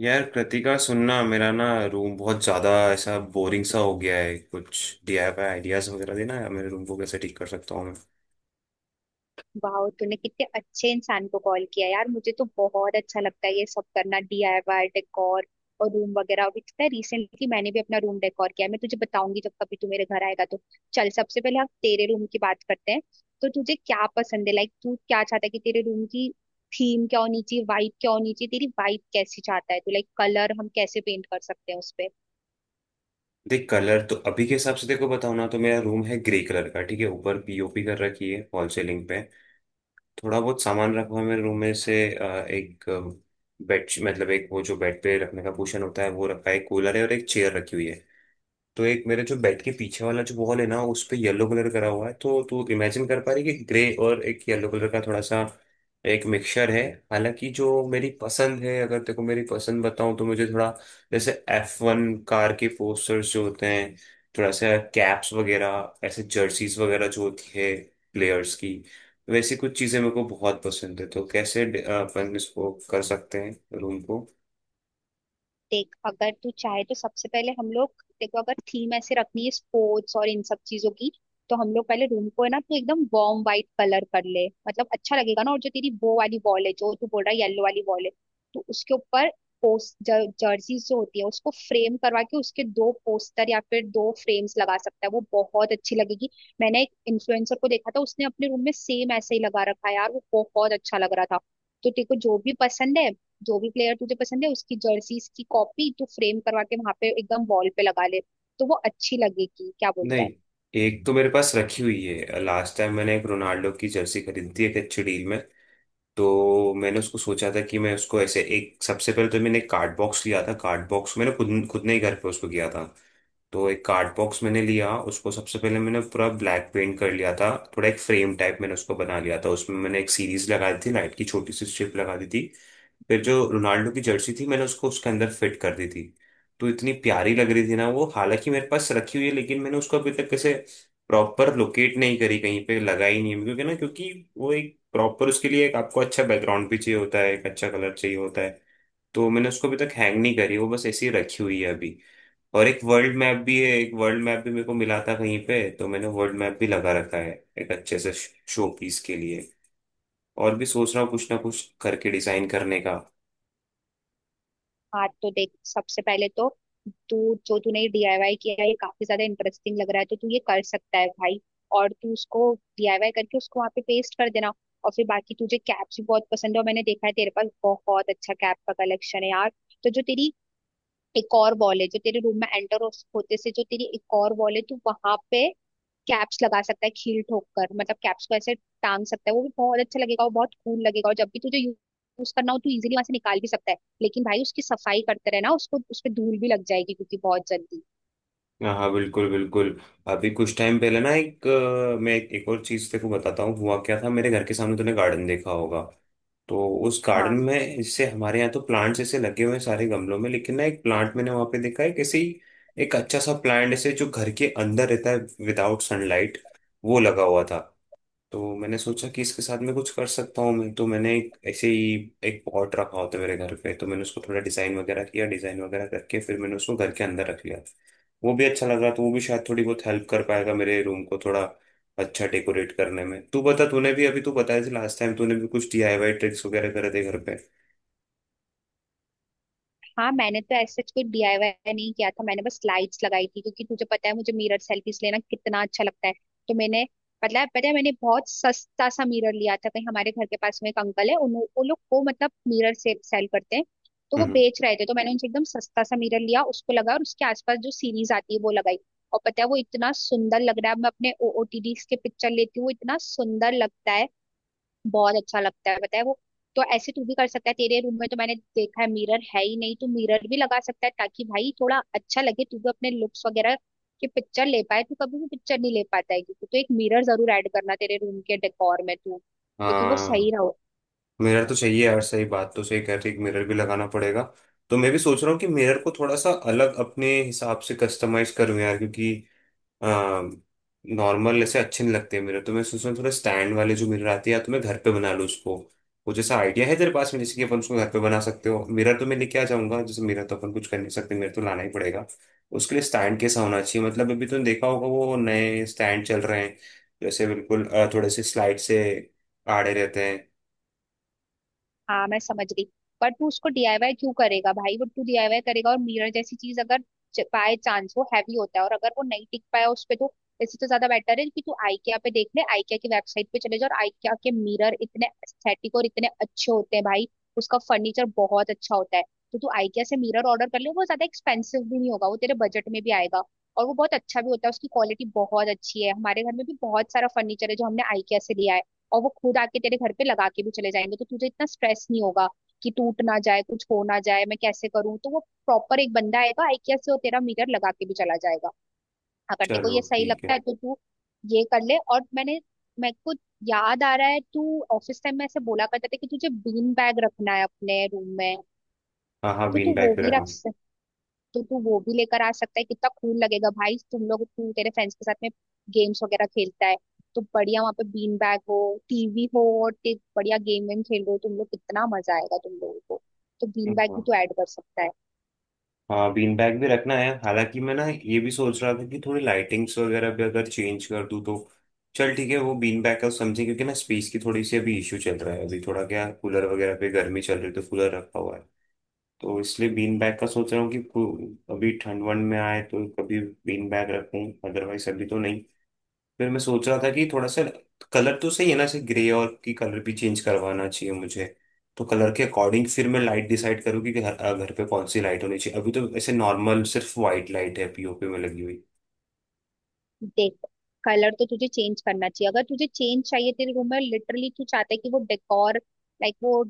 यार कृतिका, सुनना मेरा ना। रूम बहुत ज्यादा ऐसा बोरिंग सा हो गया है कुछ। डीआईवाई आइडियाज वगैरह देना यार, मेरे रूम को कैसे ठीक कर सकता हूँ मैं। वाह तूने कितने अच्छे इंसान को कॉल किया यार, मुझे तो बहुत अच्छा लगता है ये सब करना, डीआईवाई डेकोर और रूम वगैरह। अभी पता है रिसेंटली मैंने भी अपना रूम डेकोर किया है, मैं तुझे बताऊंगी जब कभी तू मेरे घर आएगा तो। चल सबसे पहले हम तेरे रूम की बात करते हैं। तो तुझे क्या पसंद है, लाइक तू क्या चाहता है कि तेरे रूम की थीम क्या होनी चाहिए, वाइब क्या होनी चाहिए, तेरी वाइब कैसी चाहता है तू, लाइक कलर हम कैसे पेंट कर सकते हैं उस पे। देख, कलर तो अभी के हिसाब से देखो बताओ ना, तो मेरा रूम है ग्रे कलर का। ठीक है, ऊपर पीओपी कर रखी है फॉल सीलिंग पे। थोड़ा बहुत सामान रखा हुआ है मेरे रूम में से एक बेड, मतलब एक वो जो बेड पे रखने का कुशन होता है वो रखा है, कूलर है, और एक चेयर रखी हुई है। तो एक मेरे जो बेड के पीछे वाला जो वॉल है ना, उस पे येलो कलर करा हुआ है। तो तू इमेजिन कर पा रही है कि ग्रे और एक येलो कलर का थोड़ा सा एक मिक्सचर है। हालांकि जो मेरी पसंद है, अगर तेको मेरी पसंद बताऊं, तो मुझे थोड़ा जैसे F1 कार के पोस्टर्स जो होते हैं, थोड़ा सा कैप्स वगैरह, ऐसे जर्सीज वगैरह जो होती है प्लेयर्स की, वैसी कुछ चीजें मेरे को बहुत पसंद है। तो कैसे अपन इसको कर सकते हैं रूम। देख अगर तू चाहे तो सबसे पहले हम लोग, देखो अगर थीम ऐसे रखनी है स्पोर्ट्स और इन सब चीजों की, तो हम लोग पहले रूम को है ना तो एकदम वार्म व्हाइट कलर कर ले, मतलब अच्छा लगेगा ना। और जो तेरी वो वाली वॉल है जो तू बोल रहा है येलो वाली वॉल है, तो उसके ऊपर पोस्ट जर्सी जो होती है उसको फ्रेम करवा के उसके दो पोस्टर या फिर दो फ्रेम्स लगा सकता है, वो बहुत अच्छी लगेगी। मैंने एक इन्फ्लुएंसर को देखा था, उसने अपने रूम में सेम ऐसे ही लगा रखा है यार, वो बहुत अच्छा लग रहा था। तो तेरे को जो भी पसंद है, जो भी प्लेयर तुझे पसंद है उसकी जर्सीज की कॉपी तू फ्रेम करवा के वहां पे एकदम वॉल पे लगा ले, तो वो अच्छी लगेगी। क्या बोलता है? नहीं, एक तो मेरे पास रखी हुई है। लास्ट टाइम मैंने एक रोनाल्डो की जर्सी खरीदी थी एक अच्छी डील में। तो मैंने उसको सोचा था कि मैं उसको ऐसे एक, सबसे पहले तो मैंने एक कार्ड बॉक्स लिया था। कार्ड बॉक्स मैंने खुद खुद ने ही घर पे उसको किया था। तो एक कार्ड बॉक्स मैंने लिया, उसको सबसे पहले मैंने पूरा ब्लैक पेंट कर लिया था। थोड़ा एक फ्रेम टाइप मैंने उसको बना लिया था, उसमें मैंने एक सीरीज लगा दी थी लाइट की, छोटी सी स्ट्रिप लगा दी थी। फिर जो रोनाल्डो की जर्सी थी, मैंने उसको उसके अंदर फिट कर दी थी। तो इतनी प्यारी लग रही थी ना वो, हालांकि मेरे पास रखी हुई है लेकिन मैंने उसको अभी तक कैसे प्रॉपर लोकेट नहीं करी, कहीं पे लगा ही नहीं है। क्योंकि ना, क्योंकि वो एक प्रॉपर उसके लिए एक आपको अच्छा बैकग्राउंड भी चाहिए होता है, एक अच्छा कलर चाहिए होता है। तो मैंने उसको अभी तक हैंग नहीं करी, वो बस ऐसी ही रखी हुई है अभी। और एक वर्ल्ड मैप भी है, एक वर्ल्ड मैप भी मेरे को मिला था कहीं पे। तो मैंने वर्ल्ड मैप भी लगा रखा है एक अच्छे से शो पीस के लिए। और भी सोच रहा हूँ कुछ ना कुछ करके डिजाइन करने का। हाँ तो देख, सबसे पहले तो तू जो तूने डीआईवाई किया है ये काफी ज्यादा इंटरेस्टिंग लग रहा है, तो तू ये कर सकता है भाई। और तू उसको डीआईवाई करके उसको वहां पे पेस्ट कर देना। और फिर बाकी तुझे कैप्स भी बहुत पसंद है, और मैंने देखा है तेरे पास बहुत अच्छा कैप का कलेक्शन है यार। तो जो तेरी एक और वॉल है जो तेरे रूम में एंटर होते से जो तेरी एक और वॉल है, तू वहां पे कैप्स लगा सकता है खील ठोक कर, मतलब कैप्स को ऐसे टांग सकता है, वो भी बहुत अच्छा लगेगा और बहुत कूल लगेगा। और जब भी तुझे यूज करना हो तू इजीली वहां से निकाल भी सकता है। लेकिन भाई उसकी सफाई करते रहना, उसको उस पे धूल भी लग जाएगी क्योंकि बहुत जल्दी। हाँ हाँ, बिल्कुल बिल्कुल। अभी कुछ टाइम पहले ना, मैं एक और चीज तेरे को बताता हूँ। हुआ क्या था, मेरे घर के सामने तूने गार्डन देखा होगा। तो उस गार्डन हाँ में जैसे हमारे यहाँ तो प्लांट्स ऐसे लगे हुए हैं सारे गमलों में, लेकिन ना एक प्लांट मैंने वहां पे देखा है किसी। एक अच्छा सा प्लांट, ऐसे जो घर के अंदर रहता है विदाउट सनलाइट, वो लगा हुआ था। तो मैंने सोचा कि इसके साथ मैं कुछ कर सकता हूँ। मैं, तो मैंने एक ऐसे ही एक पॉट रखा होता है मेरे घर पे, तो मैंने उसको थोड़ा डिजाइन वगैरह किया, डिजाइन वगैरह करके फिर मैंने उसको घर के अंदर रख लिया। वो भी अच्छा लग रहा, तो वो भी शायद थोड़ी बहुत हेल्प कर पाएगा मेरे रूम को थोड़ा अच्छा डेकोरेट करने में। तू बता, तूने भी अभी, तू बताया थी लास्ट टाइम, तूने भी कुछ डीआईवाई ट्रिक्स वगैरह करे थे घर पे। हाँ, मैंने तो ऐसे कुछ डीआईवाई नहीं किया था, मैंने बस लाइट्स लगाई थी, क्योंकि तुझे पता है मुझे मिरर सेल्फीज लेना कितना अच्छा लगता है। तो मैंने, मतलब पता है मैंने बहुत सस्ता सा मिरर लिया था, कहीं हमारे घर के पास में एक अंकल है, उन उन लोग को मतलब मिरर से सेल करते हैं। तो वो हम्म। बेच रहे थे, तो मैंने उनसे एकदम सस्ता सा मिरर लिया, उसको लगा और उसके आसपास जो सीरीज आती है वो लगाई। और पता है वो इतना सुंदर लग रहा है, मैं अपने ओटीडी के पिक्चर लेती हूँ वो इतना सुंदर लगता है, बहुत अच्छा लगता है बताए वो। तो ऐसे तू भी कर सकता है, तेरे रूम में तो मैंने देखा है मिरर है ही नहीं, तो मिरर भी लगा सकता है ताकि भाई थोड़ा अच्छा लगे, तू भी अपने लुक्स वगैरह की पिक्चर ले पाए, तू कभी भी पिक्चर नहीं ले पाता है क्योंकि, तो एक मिरर जरूर ऐड करना तेरे रूम के डेकोर में तू, क्योंकि वो सही। हाँ, मिरर तो चाहिए यार। सही बात, तो सही कह रही, मिरर भी लगाना पड़ेगा। तो मैं भी सोच रहा हूँ कि मिरर को थोड़ा सा अलग अपने हिसाब से कस्टमाइज करूँ यार, क्योंकि नॉर्मल ऐसे अच्छे नहीं लगते मेरे। तो मैं सोच रहा हूँ थोड़ा स्टैंड वाले जो मिरर आते हैं, या तो मैं घर पे बना लूँ उसको। वो जैसा आइडिया है तेरे पास में, जैसे कि अपन उसको घर पे बना सकते हो। मिरर तो मैं लेके आ जाऊंगा, जैसे मिरर तो अपन कुछ कर नहीं सकते, मिरर तो लाना ही पड़ेगा। उसके लिए स्टैंड कैसा होना चाहिए, मतलब अभी तुमने देखा होगा वो नए स्टैंड चल रहे हैं, जैसे बिल्कुल थोड़े से स्लाइड से आड़े रहते हैं। हाँ मैं समझ गई। पर तू उसको डीआईवाई क्यों करेगा भाई, वो तू डीआईवाई करेगा और मिरर जैसी चीज अगर बाय चांस वो हैवी होता है और अगर वो नहीं टिक पाया उस पे तो, इससे तो ज्यादा बेटर है कि तू IKEA पे देख ले, IKEA की वेबसाइट पे चले जा, और IKEA के मिरर इतने एस्थेटिक और इतने अच्छे होते हैं भाई, उसका फर्नीचर बहुत अच्छा होता है। तो तू IKEA से मिरर ऑर्डर कर ले, वो ज्यादा एक्सपेंसिव भी नहीं होगा, वो तेरे बजट में भी आएगा। और वो बहुत अच्छा भी होता है, उसकी क्वालिटी बहुत अच्छी है, हमारे घर में भी बहुत सारा फर्नीचर है जो हमने IKEA से लिया है। और वो खुद आके तेरे घर पे लगा के भी चले जाएंगे, तो तुझे इतना स्ट्रेस नहीं होगा कि टूट ना जाए, कुछ हो ना जाए, मैं कैसे करूँ, तो वो प्रॉपर एक बंदा आएगा IKEA से, वो तेरा मिरर लगा के भी चला जाएगा। अगर तेरे को चलो ये सही ठीक लगता है। है तो तू ये कर ले। और मैंने मेरे को याद आ रहा है तू ऑफिस टाइम में ऐसे बोला करता था कि तुझे बीन बैग रखना है अपने रूम में, हाँ हाँ, तो बीन तू वो बैग पे भी रख रखना। तो तू वो भी लेकर आ सकता है। कितना कूल लगेगा भाई, तुम लोग तू तेरे फ्रेंड्स के साथ में गेम्स वगैरह खेलता है, तो बढ़िया वहाँ पे बीन बैग हो, टीवी हो, और बढ़िया गेम वेम खेल रहे हो तुम लोग, कितना मजा आएगा तुम लोगों को। तो बीन बैग भी हाँ तू ऐड कर सकता है। हाँ, बीन बैग भी रखना है, हालांकि मैं ना ये भी सोच रहा था कि थोड़ी लाइटिंग्स वगैरह भी अगर चेंज कर दूँ तो। चल ठीक है, वो बीन बैग का समझे, क्योंकि ना स्पेस की थोड़ी सी अभी इश्यू चल रहा है। अभी थोड़ा क्या, कूलर वगैरह पे गर्मी चल रही है तो कूलर रखा हुआ है। तो इसलिए बीन बैग का सोच रहा हूँ कि अभी ठंड वंड में आए तो कभी बीन बैग रखूँ, अदरवाइज अभी तो नहीं। फिर मैं सोच रहा था कि थोड़ा सा कलर तो सही है ना, ऐसे ग्रे, और की कलर भी चेंज करवाना चाहिए मुझे। तो कलर के अकॉर्डिंग फिर मैं लाइट डिसाइड करूँ कि घर, घर पे कौन सी लाइट होनी चाहिए। अभी तो ऐसे नॉर्मल सिर्फ वाइट लाइट है पीओपी में लगी हुई। देख, कलर तो तुझे चेंज करना चाहिए, अगर तुझे चेंज चाहिए तेरे रूम में, लिटरली तू चाहता है कि वो डेकोर लाइक वो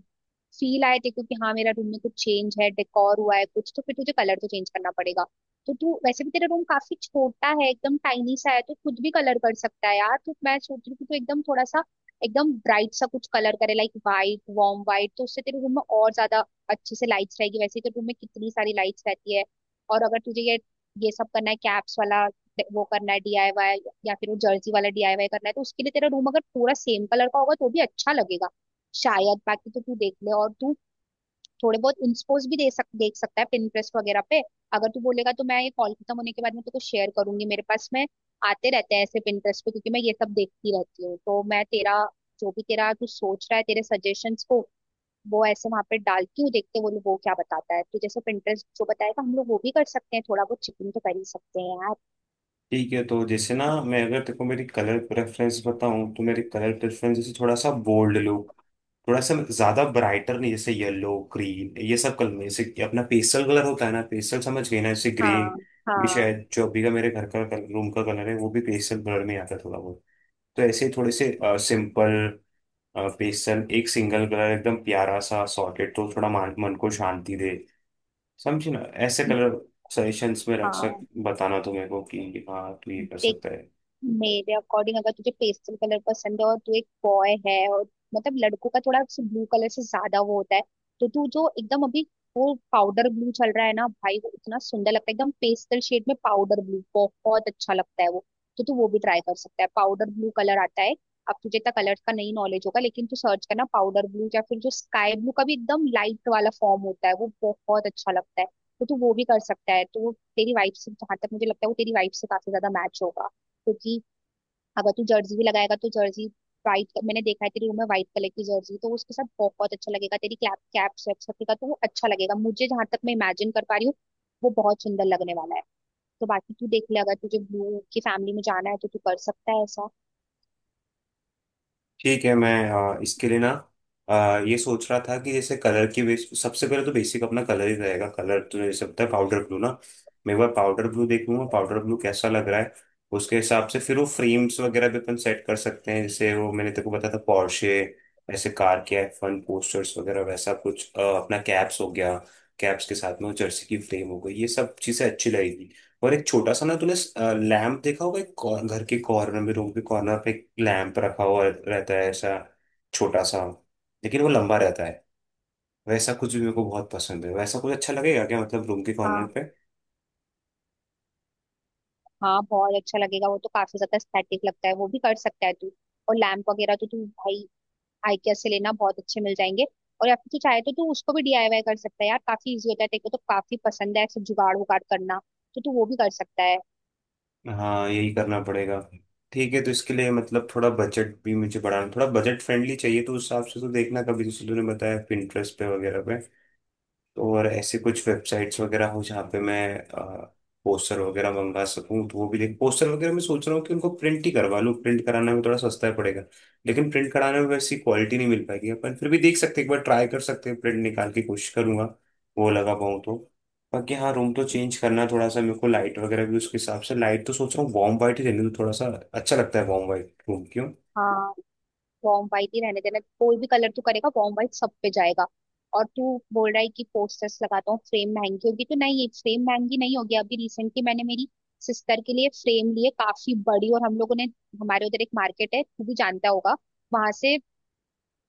फील आए तेरे को कि हाँ मेरा रूम में कुछ चेंज है, डेकोर हुआ है कुछ, तो फिर तुझे कलर तो चेंज करना पड़ेगा। तो तू वैसे भी तेरा रूम काफी छोटा है, एकदम टाइनी सा है, तो खुद भी कलर कर सकता है यार। तो मैं सोच रही हूँ कि तू एकदम थोड़ा सा एकदम ब्राइट सा कुछ कलर करे, लाइक वाइट, वार्म वाइट, तो उससे तेरे रूम में और ज्यादा अच्छे से लाइट्स रहेगी, वैसे तो रूम में कितनी सारी लाइट्स रहती है। और अगर तुझे ये सब करना है कैप्स वाला वो करना है डीआईवाई, या फिर वो जर्सी वाला डीआईवाई करना है, तो उसके लिए तेरा रूम अगर पूरा सेम कलर का होगा तो भी अच्छा लगेगा शायद। बाकी तो तू देख ले, और तू थोड़े बहुत इंस्पोज भी दे सक देख सकता है पिंटरेस्ट वगैरह पे। अगर तू बोलेगा तो मैं ये कॉल खत्म होने के बाद में तेरे को शेयर करूंगी, मेरे पास में आते रहते हैं ऐसे पिंटरेस्ट पे, क्योंकि मैं ये सब देखती रहती हूँ। तो मैं तेरा जो भी तेरा तू सोच रहा है तेरे सजेशंस को वो ऐसे वहां पे डालती हूँ, देखते हैं वो क्या बताता है, तो जैसे पिंटरेस्ट जो बताएगा हम लोग वो भी कर सकते हैं, थोड़ा बहुत चिकन तो कर ही सकते हैं यार। ठीक है, तो जैसे ना मैं अगर तेरे को मेरी कलर प्रेफरेंस बताऊं, तो मेरी कलर प्रेफरेंस जैसे थोड़ा सा बोल्ड लुक, थोड़ा सा ज्यादा ब्राइटर नहीं, जैसे येलो ग्रीन ये सब कलर में, जैसे कि अपना पेस्टल कलर होता है ना, पेस्टल समझ गए ना। जैसे ग्रे हाँ भी हाँ शायद, जो अभी का मेरे घर का रूम का कलर है, वो भी पेस्टल कलर में आता है थोड़ा बहुत। तो ऐसे थोड़े से सिंपल पेस्टल एक सिंगल कलर एकदम प्यारा सा सॉकेट, तो थोड़ा मन को शांति दे, समझे ना। ऐसे कलर सजेशंस में रख सक, हाँ। बताना तो मेरे को कि हाँ तू ये कर देख, सकता है। मेरे अकॉर्डिंग अगर तुझे पेस्टल कलर पसंद है और तू एक बॉय है और, मतलब लड़कों का थोड़ा ब्लू कलर से ज्यादा वो होता है, तो तू जो एकदम अभी वो पाउडर ब्लू चल रहा है ना भाई, वो इतना सुंदर लगता है एकदम पेस्टल शेड में, पाउडर ब्लू बहुत अच्छा लगता है वो। तो तू वो भी ट्राई कर सकता है, पाउडर ब्लू कलर आता है। अब तुझे इतना कलर का नहीं नॉलेज होगा, लेकिन तू सर्च करना पाउडर ब्लू, या फिर जो स्काई ब्लू का भी एकदम लाइट वाला फॉर्म होता है वो बहुत अच्छा लगता है, तो तू वो भी कर सकता है। तो वो तेरी वाइफ से, जहां तक मुझे लगता है, वो तेरी वाइफ से काफी ज्यादा मैच होगा। क्योंकि अगर तू जर्सी भी लगाएगा तो जर्सी वाइट, मैंने देखा है तेरी रूम में व्हाइट कलर की जर्सी, तो उसके साथ बहुत अच्छा लगेगा तेरी कैप कैप शेप सबका, तो वो अच्छा लगेगा मुझे, जहां तक मैं इमेजिन कर पा रही हूँ वो बहुत सुंदर लगने वाला है। तो बाकी तू देख ले, अगर तुझे ब्लू की फैमिली में जाना है तो तू कर सकता है ऐसा। ठीक है मैं, इसके लिए ना ये सोच रहा था कि जैसे कलर की बेस, सबसे पहले तो बेसिक अपना कलर ही रहेगा। कलर तूने जैसे बताया पाउडर ब्लू ना, मैं एक बार पाउडर ब्लू देख लूंगा पाउडर ब्लू कैसा लग रहा है। उसके हिसाब से फिर वो फ्रेम्स वगैरह भी अपन सेट कर सकते हैं, जैसे वो मैंने तेको बताया था पोर्शे, ऐसे कार के F1 पोस्टर्स वगैरह, वैसा कुछ अपना कैप्स हो गया, कैप्स के साथ में वो जर्सी की फ्रेम हो गई, ये सब चीजें अच्छी लगेगी। और एक छोटा सा ना, तूने लैंप देखा होगा, एक घर के कॉर्नर में, रूम के कॉर्नर पे एक लैंप रखा हुआ रहता है ऐसा, छोटा सा, लेकिन वो लंबा रहता है। वैसा कुछ भी मेरे को बहुत पसंद है, वैसा कुछ अच्छा लगेगा क्या, मतलब रूम के कॉर्नर हाँ पे। हाँ, बहुत अच्छा लगेगा वो, तो काफी ज्यादा एस्थेटिक लगता है, वो भी कर सकता है तू। और लैम्प वगैरह तो तू भाई आइकिया से लेना, बहुत अच्छे मिल जाएंगे। और या फिर तू चाहे तो तू उसको भी डीआईवाई कर सकता है यार, काफी इजी होता है, तेरे को तो काफी पसंद है सब जुगाड़ उगाड़ करना, तो तू वो भी कर सकता है। हाँ, यही करना पड़ेगा। ठीक है, तो इसके लिए मतलब थोड़ा बजट भी मुझे बढ़ाना, थोड़ा बजट फ्रेंडली चाहिए, तो उस हिसाब से तो देखना कभी, जैसे तूने बताया Pinterest पे वगैरह पे। तो और ऐसे कुछ वेबसाइट्स वगैरह हो जहाँ पे मैं पोस्टर वगैरह मंगा सकूँ, तो वो भी देख। पोस्टर वगैरह मैं सोच रहा हूँ कि उनको प्रिंट ही करवा लूँ, प्रिंट कराने में थोड़ा सस्ता ही पड़ेगा, लेकिन प्रिंट कराने में वैसी क्वालिटी नहीं मिल पाएगी। अपन फिर भी देख सकते हैं, एक बार ट्राई कर सकते हैं, प्रिंट निकाल की कोशिश करूंगा वो लगा पाऊँ तो। बाकी हाँ, रूम तो चेंज करना है थोड़ा सा मेरे को, लाइट वगैरह भी उसके हिसाब से। लाइट तो सोच रहा हूँ वार्म वाइट ही रहने दो, थोड़ा सा अच्छा लगता है वार्म वाइट रूम क्यों। हाँ, वॉर्म वाइट ही रहने देना, कोई भी कलर तू करेगा वॉर्म वाइट सब पे जाएगा। और तू बोल रहा है कि पोस्टर्स लगाता हूँ, फ्रेम महंगी होगी, तो नहीं फ्रेम महंगी नहीं होगी। अभी रिसेंटली मैंने मेरी सिस्टर के लिए फ्रेम लिए काफी बड़ी, और हम लोगों ने, हमारे उधर एक मार्केट है तू भी जानता होगा, वहां से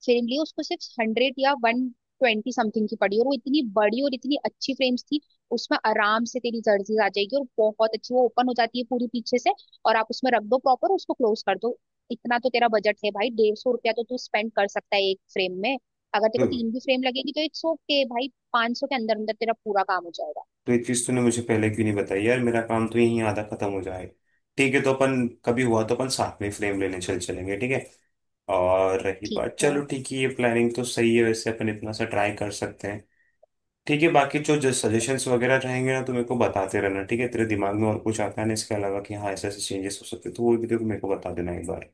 फ्रेम ली, उसको सिर्फ हंड्रेड या वन ट्वेंटी समथिंग की पड़ी, और वो इतनी बड़ी और इतनी अच्छी फ्रेम्स थी, उसमें आराम से तेरी जर्सीज आ जाएगी, और बहुत अच्छी वो ओपन हो जाती है पूरी पीछे से, और आप उसमें रख दो प्रॉपर उसको क्लोज कर दो। इतना तो तेरा बजट है भाई, डेढ़ सौ रुपया तो तू स्पेंड कर सकता है एक फ्रेम में, अगर तेरे को हम्म। तीन भी फ्रेम लगेगी तो इट्स ओके भाई, पाँच सौ के अंदर अंदर तेरा पूरा काम हो जाएगा। तो ये चीज तूने मुझे पहले क्यों नहीं बताई यार, मेरा काम तो यहीं आधा खत्म हो जाए। ठीक है, तो अपन कभी हुआ तो अपन साथ में फ्रेम लेने चल चलेंगे ठीक है। और रही ठीक बात, है। चलो ठीक है, ये प्लानिंग तो सही है वैसे, अपन इतना सा ट्राई कर सकते हैं। ठीक है, बाकी जो जो सजेशंस वगैरह रहेंगे ना तो मेरे को बताते रहना ठीक है। तेरे दिमाग में और कुछ आता है ना इसके अलावा कि हाँ ऐसे ऐसे चेंजेस हो सकते हैं, तो वो भी देखो, मेरे को बता देना एक बार।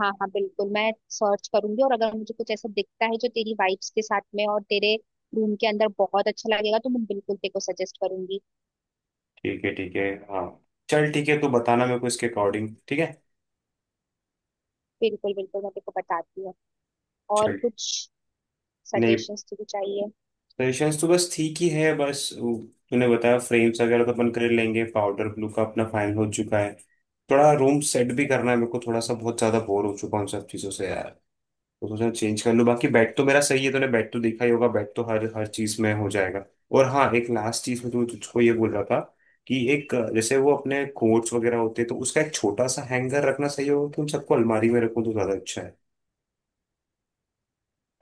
हाँ हाँ बिल्कुल, मैं सर्च करूंगी, और अगर मुझे कुछ ऐसा दिखता है जो तेरी वाइब्स के साथ में और तेरे रूम के अंदर बहुत अच्छा लगेगा तो मैं बिल्कुल तेरे को सजेस्ट करूंगी। ठीक है ठीक है, हाँ। चल ठीक है, तू बताना मेरे को इसके अकॉर्डिंग ठीक है। बिल्कुल बिल्कुल, मैं तेरे को बताती हूँ। और चल। कुछ नहीं, सजेशंस तुझे चाहिए? परेशानी तो बस ठीक ही है, बस वो तूने बताया फ्रेम्स वगैरह तो अपन कर लेंगे। पाउडर ब्लू का अपना फाइनल हो चुका है। थोड़ा रूम सेट भी करना है मेरे को, थोड़ा सा बहुत ज्यादा बोर हो चुका हूँ उन सब चीजों से यार। तो सोचा चेंज कर लूँ। बाकी बेड तो मेरा सही है, तूने बेड तो देखा ही होगा, बेड तो हर हर चीज में हो जाएगा। और हाँ, एक लास्ट चीज में तू, तुझको ये बोल रहा था कि एक, जैसे वो अपने कोट्स वगैरह होते हैं, तो उसका एक छोटा सा हैंगर रखना सही होगा कि उन सबको अलमारी में रखूँ तो ज्यादा अच्छा है।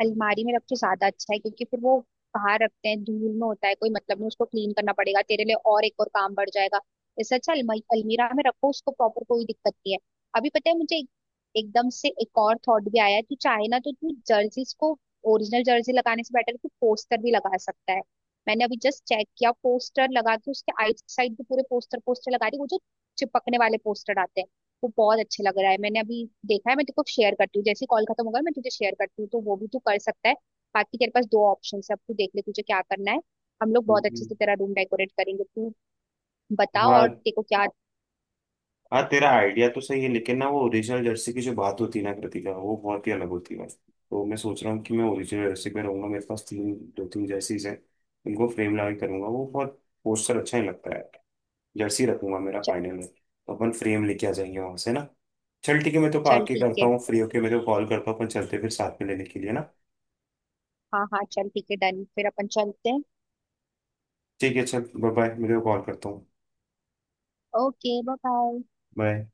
अलमारी में रखे ज्यादा अच्छा है, क्योंकि फिर वो बाहर रखते हैं धूल में, होता है कोई मतलब नहीं, उसको क्लीन करना पड़ेगा तेरे लिए और एक और काम बढ़ जाएगा। इससे अच्छा अलमारी अलमीरा में रखो उसको प्रॉपर, कोई दिक्कत नहीं है। अभी पता है मुझे एकदम से एक और थॉट भी आया है, तू चाहे ना तो तू जर्सीज को ओरिजिनल जर्सी लगाने से बेटर है तू पोस्टर भी लगा सकता है। मैंने अभी जस्ट चेक किया, पोस्टर लगा के उसके आइट साइड भी पूरे पोस्टर पोस्टर लगा दी, वो जो चिपकने वाले पोस्टर आते हैं, वो बहुत अच्छे लग रहा है, मैंने अभी देखा है। मैं तेरे को शेयर करती हूँ जैसे कॉल खत्म होगा, मैं तुझे शेयर करती हूँ, तो वो भी तू कर सकता है। बाकी तेरे पास दो ऑप्शन है, अब तू देख ले तुझे क्या करना है, हम लोग बहुत अच्छे हम्म। से तेरा रूम डेकोरेट करेंगे। तू बता हाँ और तेरे को क्या? हाँ, तेरा आइडिया तो सही है लेकिन ना, वो ओरिजिनल जर्सी की जो बात होती है ना कृतिका, वो बहुत ही अलग होती है। तो मैं सोच रहा हूँ कि मैं ओरिजिनल जर्सी पे रहूंगा। मेरे पास तीन दो तीन जर्सीज हैं, उनको फ्रेम लगा के करूंगा, वो बहुत पोस्टर अच्छा ही लगता है। जर्सी रखूंगा मेरा च- फाइनल में, तो अपन फ्रेम लेके आ जाएंगे वहां से ना। चल ठीक है, मैं तो चल आके ठीक करता है। हूँ फ्री होके, मैं तो कॉल करता हूँ, अपन चलते हैं फिर साथ में लेने के लिए ना। हाँ हाँ, चल ठीक है, डन, फिर अपन चलते हैं। ठीक है चल, बाय बाय, मैं तो कॉल करता हूँ। Okay bye bye. बाय।